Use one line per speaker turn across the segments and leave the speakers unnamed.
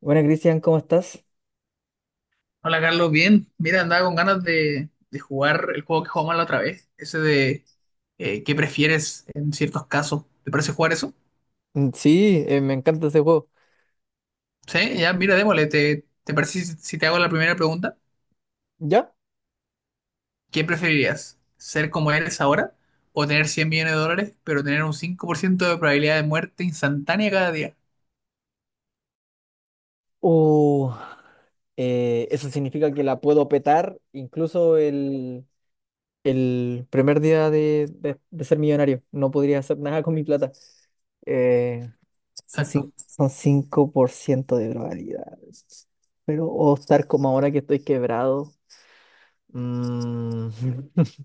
Bueno, Cristian, ¿cómo estás?
Hola Carlos, bien. Mira, andaba con ganas de jugar el juego que jugamos la otra vez, ese de qué prefieres en ciertos casos. ¿Te parece jugar eso?
Sí, me encanta ese juego.
Sí, ya, mira, démosle. ¿Te parece si te hago la primera pregunta?
¿Ya?
¿Qué preferirías? ¿Ser como eres ahora o tener $100 millones, pero tener un 5% de probabilidad de muerte instantánea cada día?
Uh, Eso significa que la puedo petar incluso el primer día de ser millonario. No podría hacer nada con mi plata. Eh,
Exacto.
Son 5% de probabilidades. Pero o estar como ahora que estoy quebrado. mm,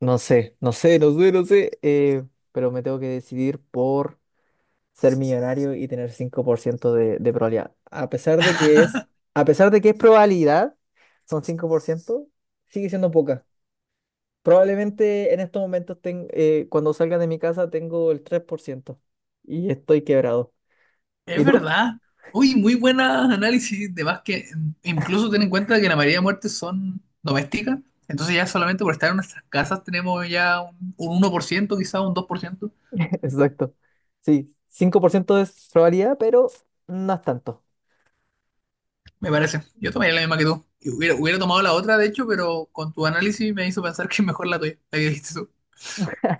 no sé, no sé, no sé, no sé. Pero me tengo que decidir por ser millonario y tener 5% de probabilidad. A pesar de que es probabilidad, son cinco por ciento, sigue siendo poca. Probablemente en estos momentos, cuando salga de mi casa, tengo el 3% y estoy quebrado.
Es
¿Y tú?
verdad. Uy, muy buenas análisis de básquet. Incluso ten en cuenta que la mayoría de muertes son domésticas. Entonces ya solamente por estar en nuestras casas tenemos ya un 1%, quizás un 2%.
Exacto. Sí, 5% es probabilidad, pero no es tanto.
Me parece. Yo tomaría la misma que tú. Y hubiera tomado la otra, de hecho, pero con tu análisis me hizo pensar que es mejor la tuya, la que dijiste tú.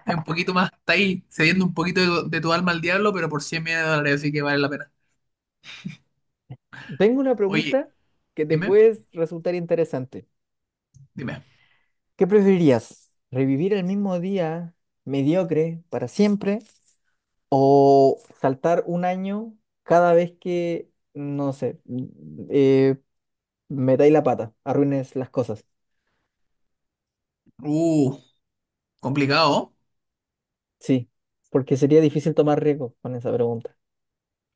Es un poquito más, está ahí cediendo un poquito de tu alma al diablo, pero por $100 millones, así que vale la pena.
Tengo una
Oye,
pregunta que te
dime,
puede resultar interesante.
dime.
¿Qué preferirías? ¿Revivir el mismo día mediocre para siempre o saltar un año cada vez que, no sé, metáis la pata, arruines las cosas?
Uh, Complicado.
Sí, porque sería difícil tomar riesgo con esa pregunta.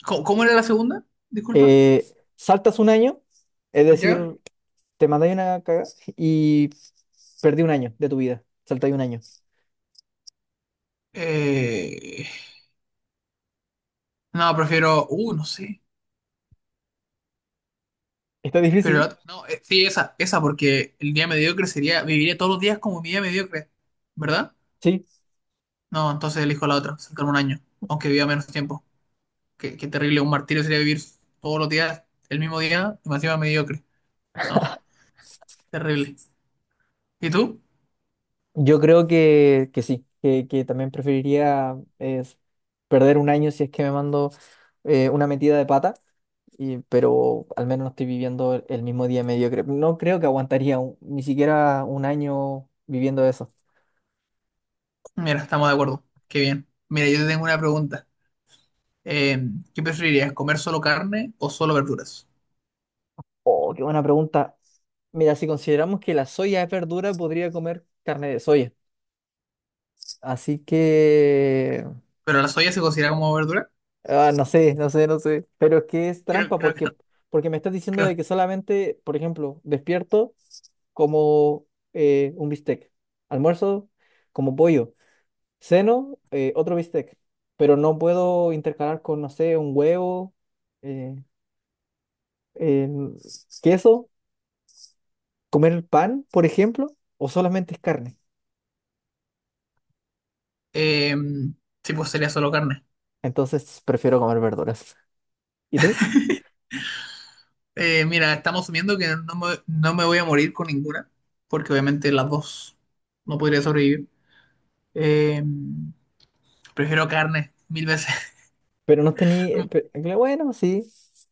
¿Cómo era la segunda? Disculpa.
Eh, Saltas un año, es
¿Ya?
decir, te mandáis una cagada y perdí un año de tu vida. Saltáis un año.
Eh, no, prefiero. No sé.
Está
Pero
difícil,
no, sí, esa, porque el día mediocre sería. Viviría todos los días como mi día mediocre, ¿verdad?
sí.
No, entonces elijo la otra, saltarme un año, aunque viva menos tiempo. Qué terrible, un martirio sería vivir todos los días el mismo día y más encima mediocre. No, terrible. ¿Y tú?
Yo creo que, que también preferiría perder un año si es que me mando una metida de pata, y, pero al menos no estoy viviendo el mismo día mediocre. No creo que aguantaría ni siquiera un año viviendo eso.
Mira, estamos de acuerdo. Qué bien. Mira, yo te tengo una pregunta. Eh, ¿Qué preferirías, comer solo carne o solo verduras?
Oh, qué buena pregunta. Mira, si consideramos que la soya es verdura, podría comer carne de soya. Así que
¿Pero la soya se considera como verdura?
ah, no sé, no sé, no sé. Pero es que es
Creo,
trampa
creo que
porque, porque me estás diciendo
no.
de que solamente, por ejemplo, despierto como un bistec, almuerzo como pollo, ceno otro bistec, pero no puedo intercalar con, no sé, un huevo, eh, em, queso, comer pan, por ejemplo, o solamente es carne.
Eh, sí, pues sería solo carne.
Entonces prefiero comer verduras. ¿Y tú?
Mira, estamos asumiendo que no me voy a morir con ninguna, porque obviamente las dos no podría sobrevivir. Eh, prefiero carne, mil veces.
Pero no tenía,
No,
bueno, sí.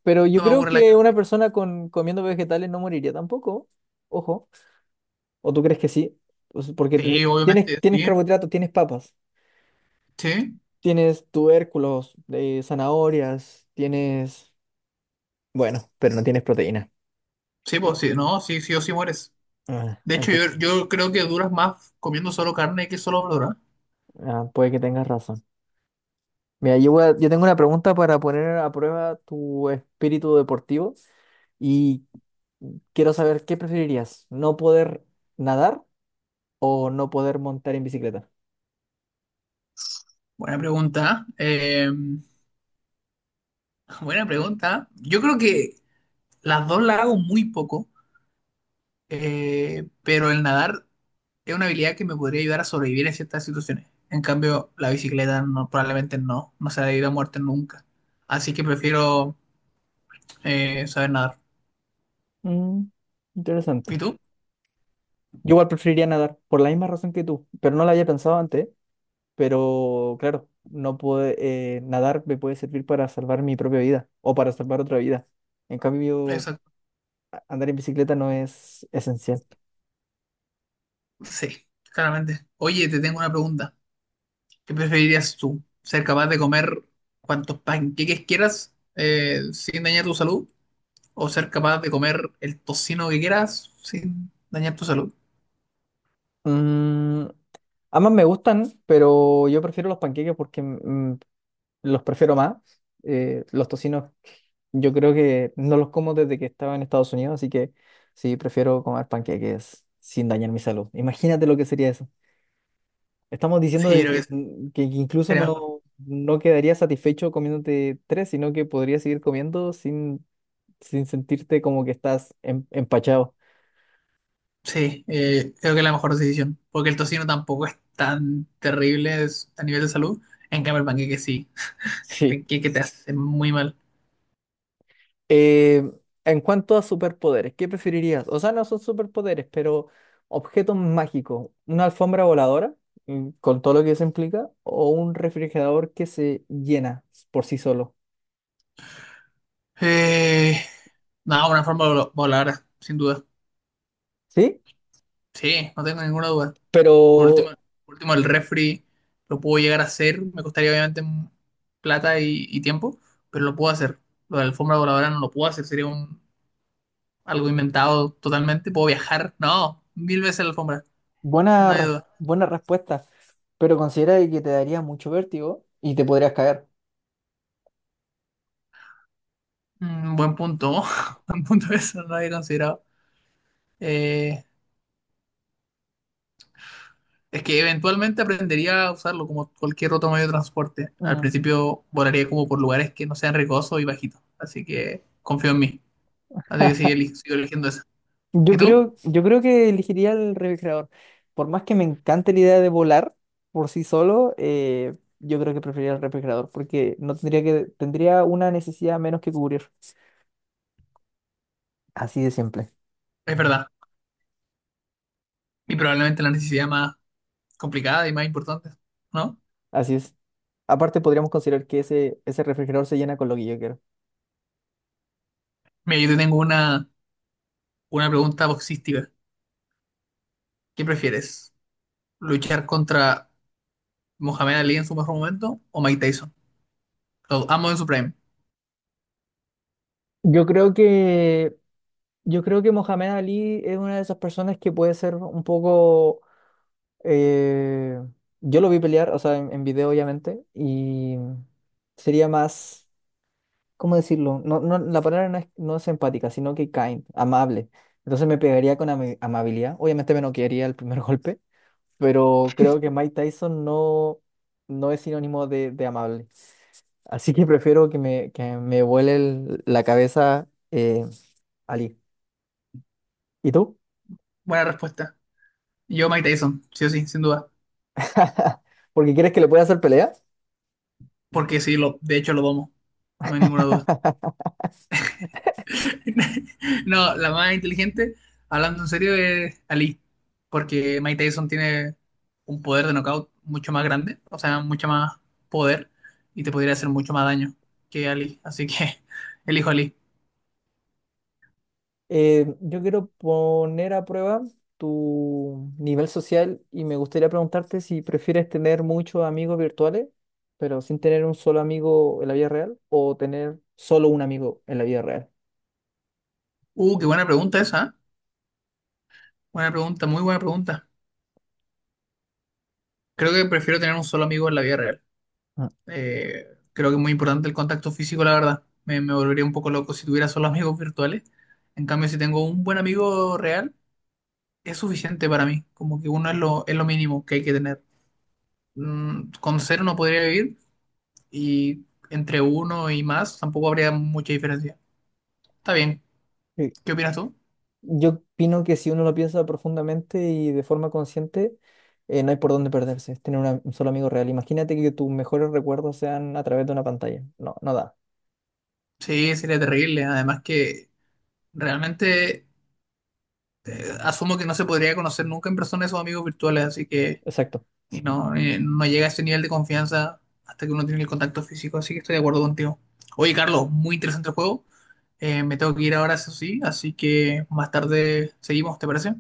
Pero yo
no me
creo
aburre la
que una
carne.
persona comiendo vegetales no moriría tampoco. Ojo. ¿O tú crees que sí? Pues porque
Sí,
tienes,
obviamente,
tienes
sí,
carbohidratos, tienes papas,
sí,
tienes tubérculos, zanahorias, tienes... Bueno, pero no tienes proteína.
sí, pues sí, no, sí, sí o sí mueres.
Ah,
De hecho,
entonces,
yo creo que duras más comiendo solo carne que solo verdura.
ah, puede que tengas razón. Mira, yo tengo una pregunta para poner a prueba tu espíritu deportivo y quiero saber qué preferirías, no poder nadar o no poder montar en bicicleta.
Buena pregunta. Buena pregunta. Yo creo que las dos las hago muy poco. Pero el nadar es una habilidad que me podría ayudar a sobrevivir en ciertas situaciones. En cambio, la bicicleta no, probablemente no, no se ha debido a muerte nunca. Así que prefiero saber nadar.
Mm,
¿Y
interesante.
tú?
Yo igual preferiría nadar, por la misma razón que tú, pero no la había pensado antes, pero claro, no puede, nadar me puede servir para salvar mi propia vida o para salvar otra vida. En cambio,
Exacto.
andar en bicicleta no es esencial.
Sí, claramente. Oye, te tengo una pregunta. ¿Qué preferirías tú? ¿Ser capaz de comer cuantos panqueques quieras sin dañar tu salud? ¿O ser capaz de comer el tocino que quieras sin dañar tu salud?
Mm, ambas me gustan, pero yo prefiero los panqueques porque los prefiero más. Los tocinos yo creo que no los como desde que estaba en Estados Unidos, así que sí, prefiero comer panqueques sin dañar mi salud. Imagínate lo que sería eso. Estamos diciendo
Sí, yo
de
creo
que,
que sí.
que incluso
Sería mejor.
no, no quedaría satisfecho comiéndote tres, sino que podrías seguir comiendo sin, sin sentirte como que estás empachado.
Sí, creo que es la mejor decisión, porque el tocino tampoco es tan terrible a nivel de salud. En cambio, el panqueque sí, el
Sí.
panqueque te hace muy mal.
Eh, en cuanto a superpoderes, ¿qué preferirías? O sea, no son superpoderes, pero objetos mágicos, una alfombra voladora, mm, con todo lo que eso implica, o un refrigerador que se llena por sí solo.
Eh, no, una forma voladora, sin duda.
¿Sí?
Sí, no tengo ninguna duda.
Pero
Por último, por último, el refri lo puedo llegar a hacer, me costaría obviamente plata y tiempo, pero lo puedo hacer. Lo de la alfombra voladora no lo puedo hacer, sería algo inventado totalmente. Puedo viajar, no, mil veces la alfombra,
buena,
no hay
res-
duda.
buena respuesta. Pero considera de que te daría mucho vértigo y te podrías caer.
Buen punto, buen punto eso, no lo había considerado. Eh, es que eventualmente aprendería a usarlo como cualquier otro medio de transporte. Al
Mm.
principio volaría como por lugares que no sean riesgosos y bajitos, así que confío en mí. Así que sigo eligiendo esa. ¿Y tú?
Yo creo que elegiría el refrigerador. Por más que me encante la idea de volar por sí solo, yo creo que preferiría el refrigerador porque no tendría una necesidad menos que cubrir. Así de simple.
Es verdad. Y probablemente la necesidad más complicada y más importante, ¿no?
Así es. Aparte podríamos considerar que ese refrigerador se llena con lo que yo quiero.
Mira, yo te tengo una pregunta boxística. ¿Qué prefieres? ¿Luchar contra Mohamed Ali en su mejor momento o Mike Tyson? Los amo en su prime.
Yo creo que, yo creo que Mohamed Ali es una de esas personas que puede ser un poco. eh, yo lo vi pelear, o sea, en video obviamente, y sería más, ¿cómo decirlo? No, la palabra no es, no es empática, sino que kind, amable. Entonces me pegaría con amabilidad. Obviamente me noquearía el primer golpe, pero creo que Mike Tyson no, no es sinónimo de amable. Así que prefiero que que me vuele la cabeza, Ali. ¿Y tú?
Buena respuesta. Yo Mike Tyson, sí o sí, sin duda.
¿Porque quieres que le pueda hacer pelea?
Porque sí, de hecho lo domo. No hay ninguna duda. No, la más inteligente, hablando en serio, es Ali. Porque Mike Tyson tiene un poder de knockout mucho más grande, o sea, mucho más poder y te podría hacer mucho más daño que Ali. Así que elijo Ali.
Yo quiero poner a prueba tu nivel social y me gustaría preguntarte si prefieres tener muchos amigos virtuales, pero sin tener un solo amigo en la vida real, o tener solo un amigo en la vida real.
Qué buena pregunta esa, ¿eh? Buena pregunta, muy buena pregunta. Creo que prefiero tener un solo amigo en la vida real.
Ah,
Creo que es muy importante el contacto físico, la verdad. Me volvería un poco loco si tuviera solo amigos virtuales. En cambio, si tengo un buen amigo real, es suficiente para mí. Como que uno es es lo mínimo que hay que tener. Con cero no podría vivir y entre uno y más tampoco habría mucha diferencia. Está bien.
sí.
¿Qué opinas tú?
Yo opino que si uno lo piensa profundamente y de forma consciente, no hay por dónde perderse, es tener un solo amigo real. Imagínate que tus mejores recuerdos sean a través de una pantalla. No, no da.
Sí, sería terrible. Además que realmente asumo que no se podría conocer nunca en persona esos amigos virtuales, así que
Exacto.
y no llega a ese nivel de confianza hasta que uno tiene el contacto físico, así que estoy de acuerdo contigo. Oye, Carlos, muy interesante el juego. Me tengo que ir ahora, eso sí, así que más tarde seguimos, ¿te parece?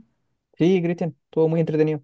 Sí, Cristian, estuvo muy entretenido.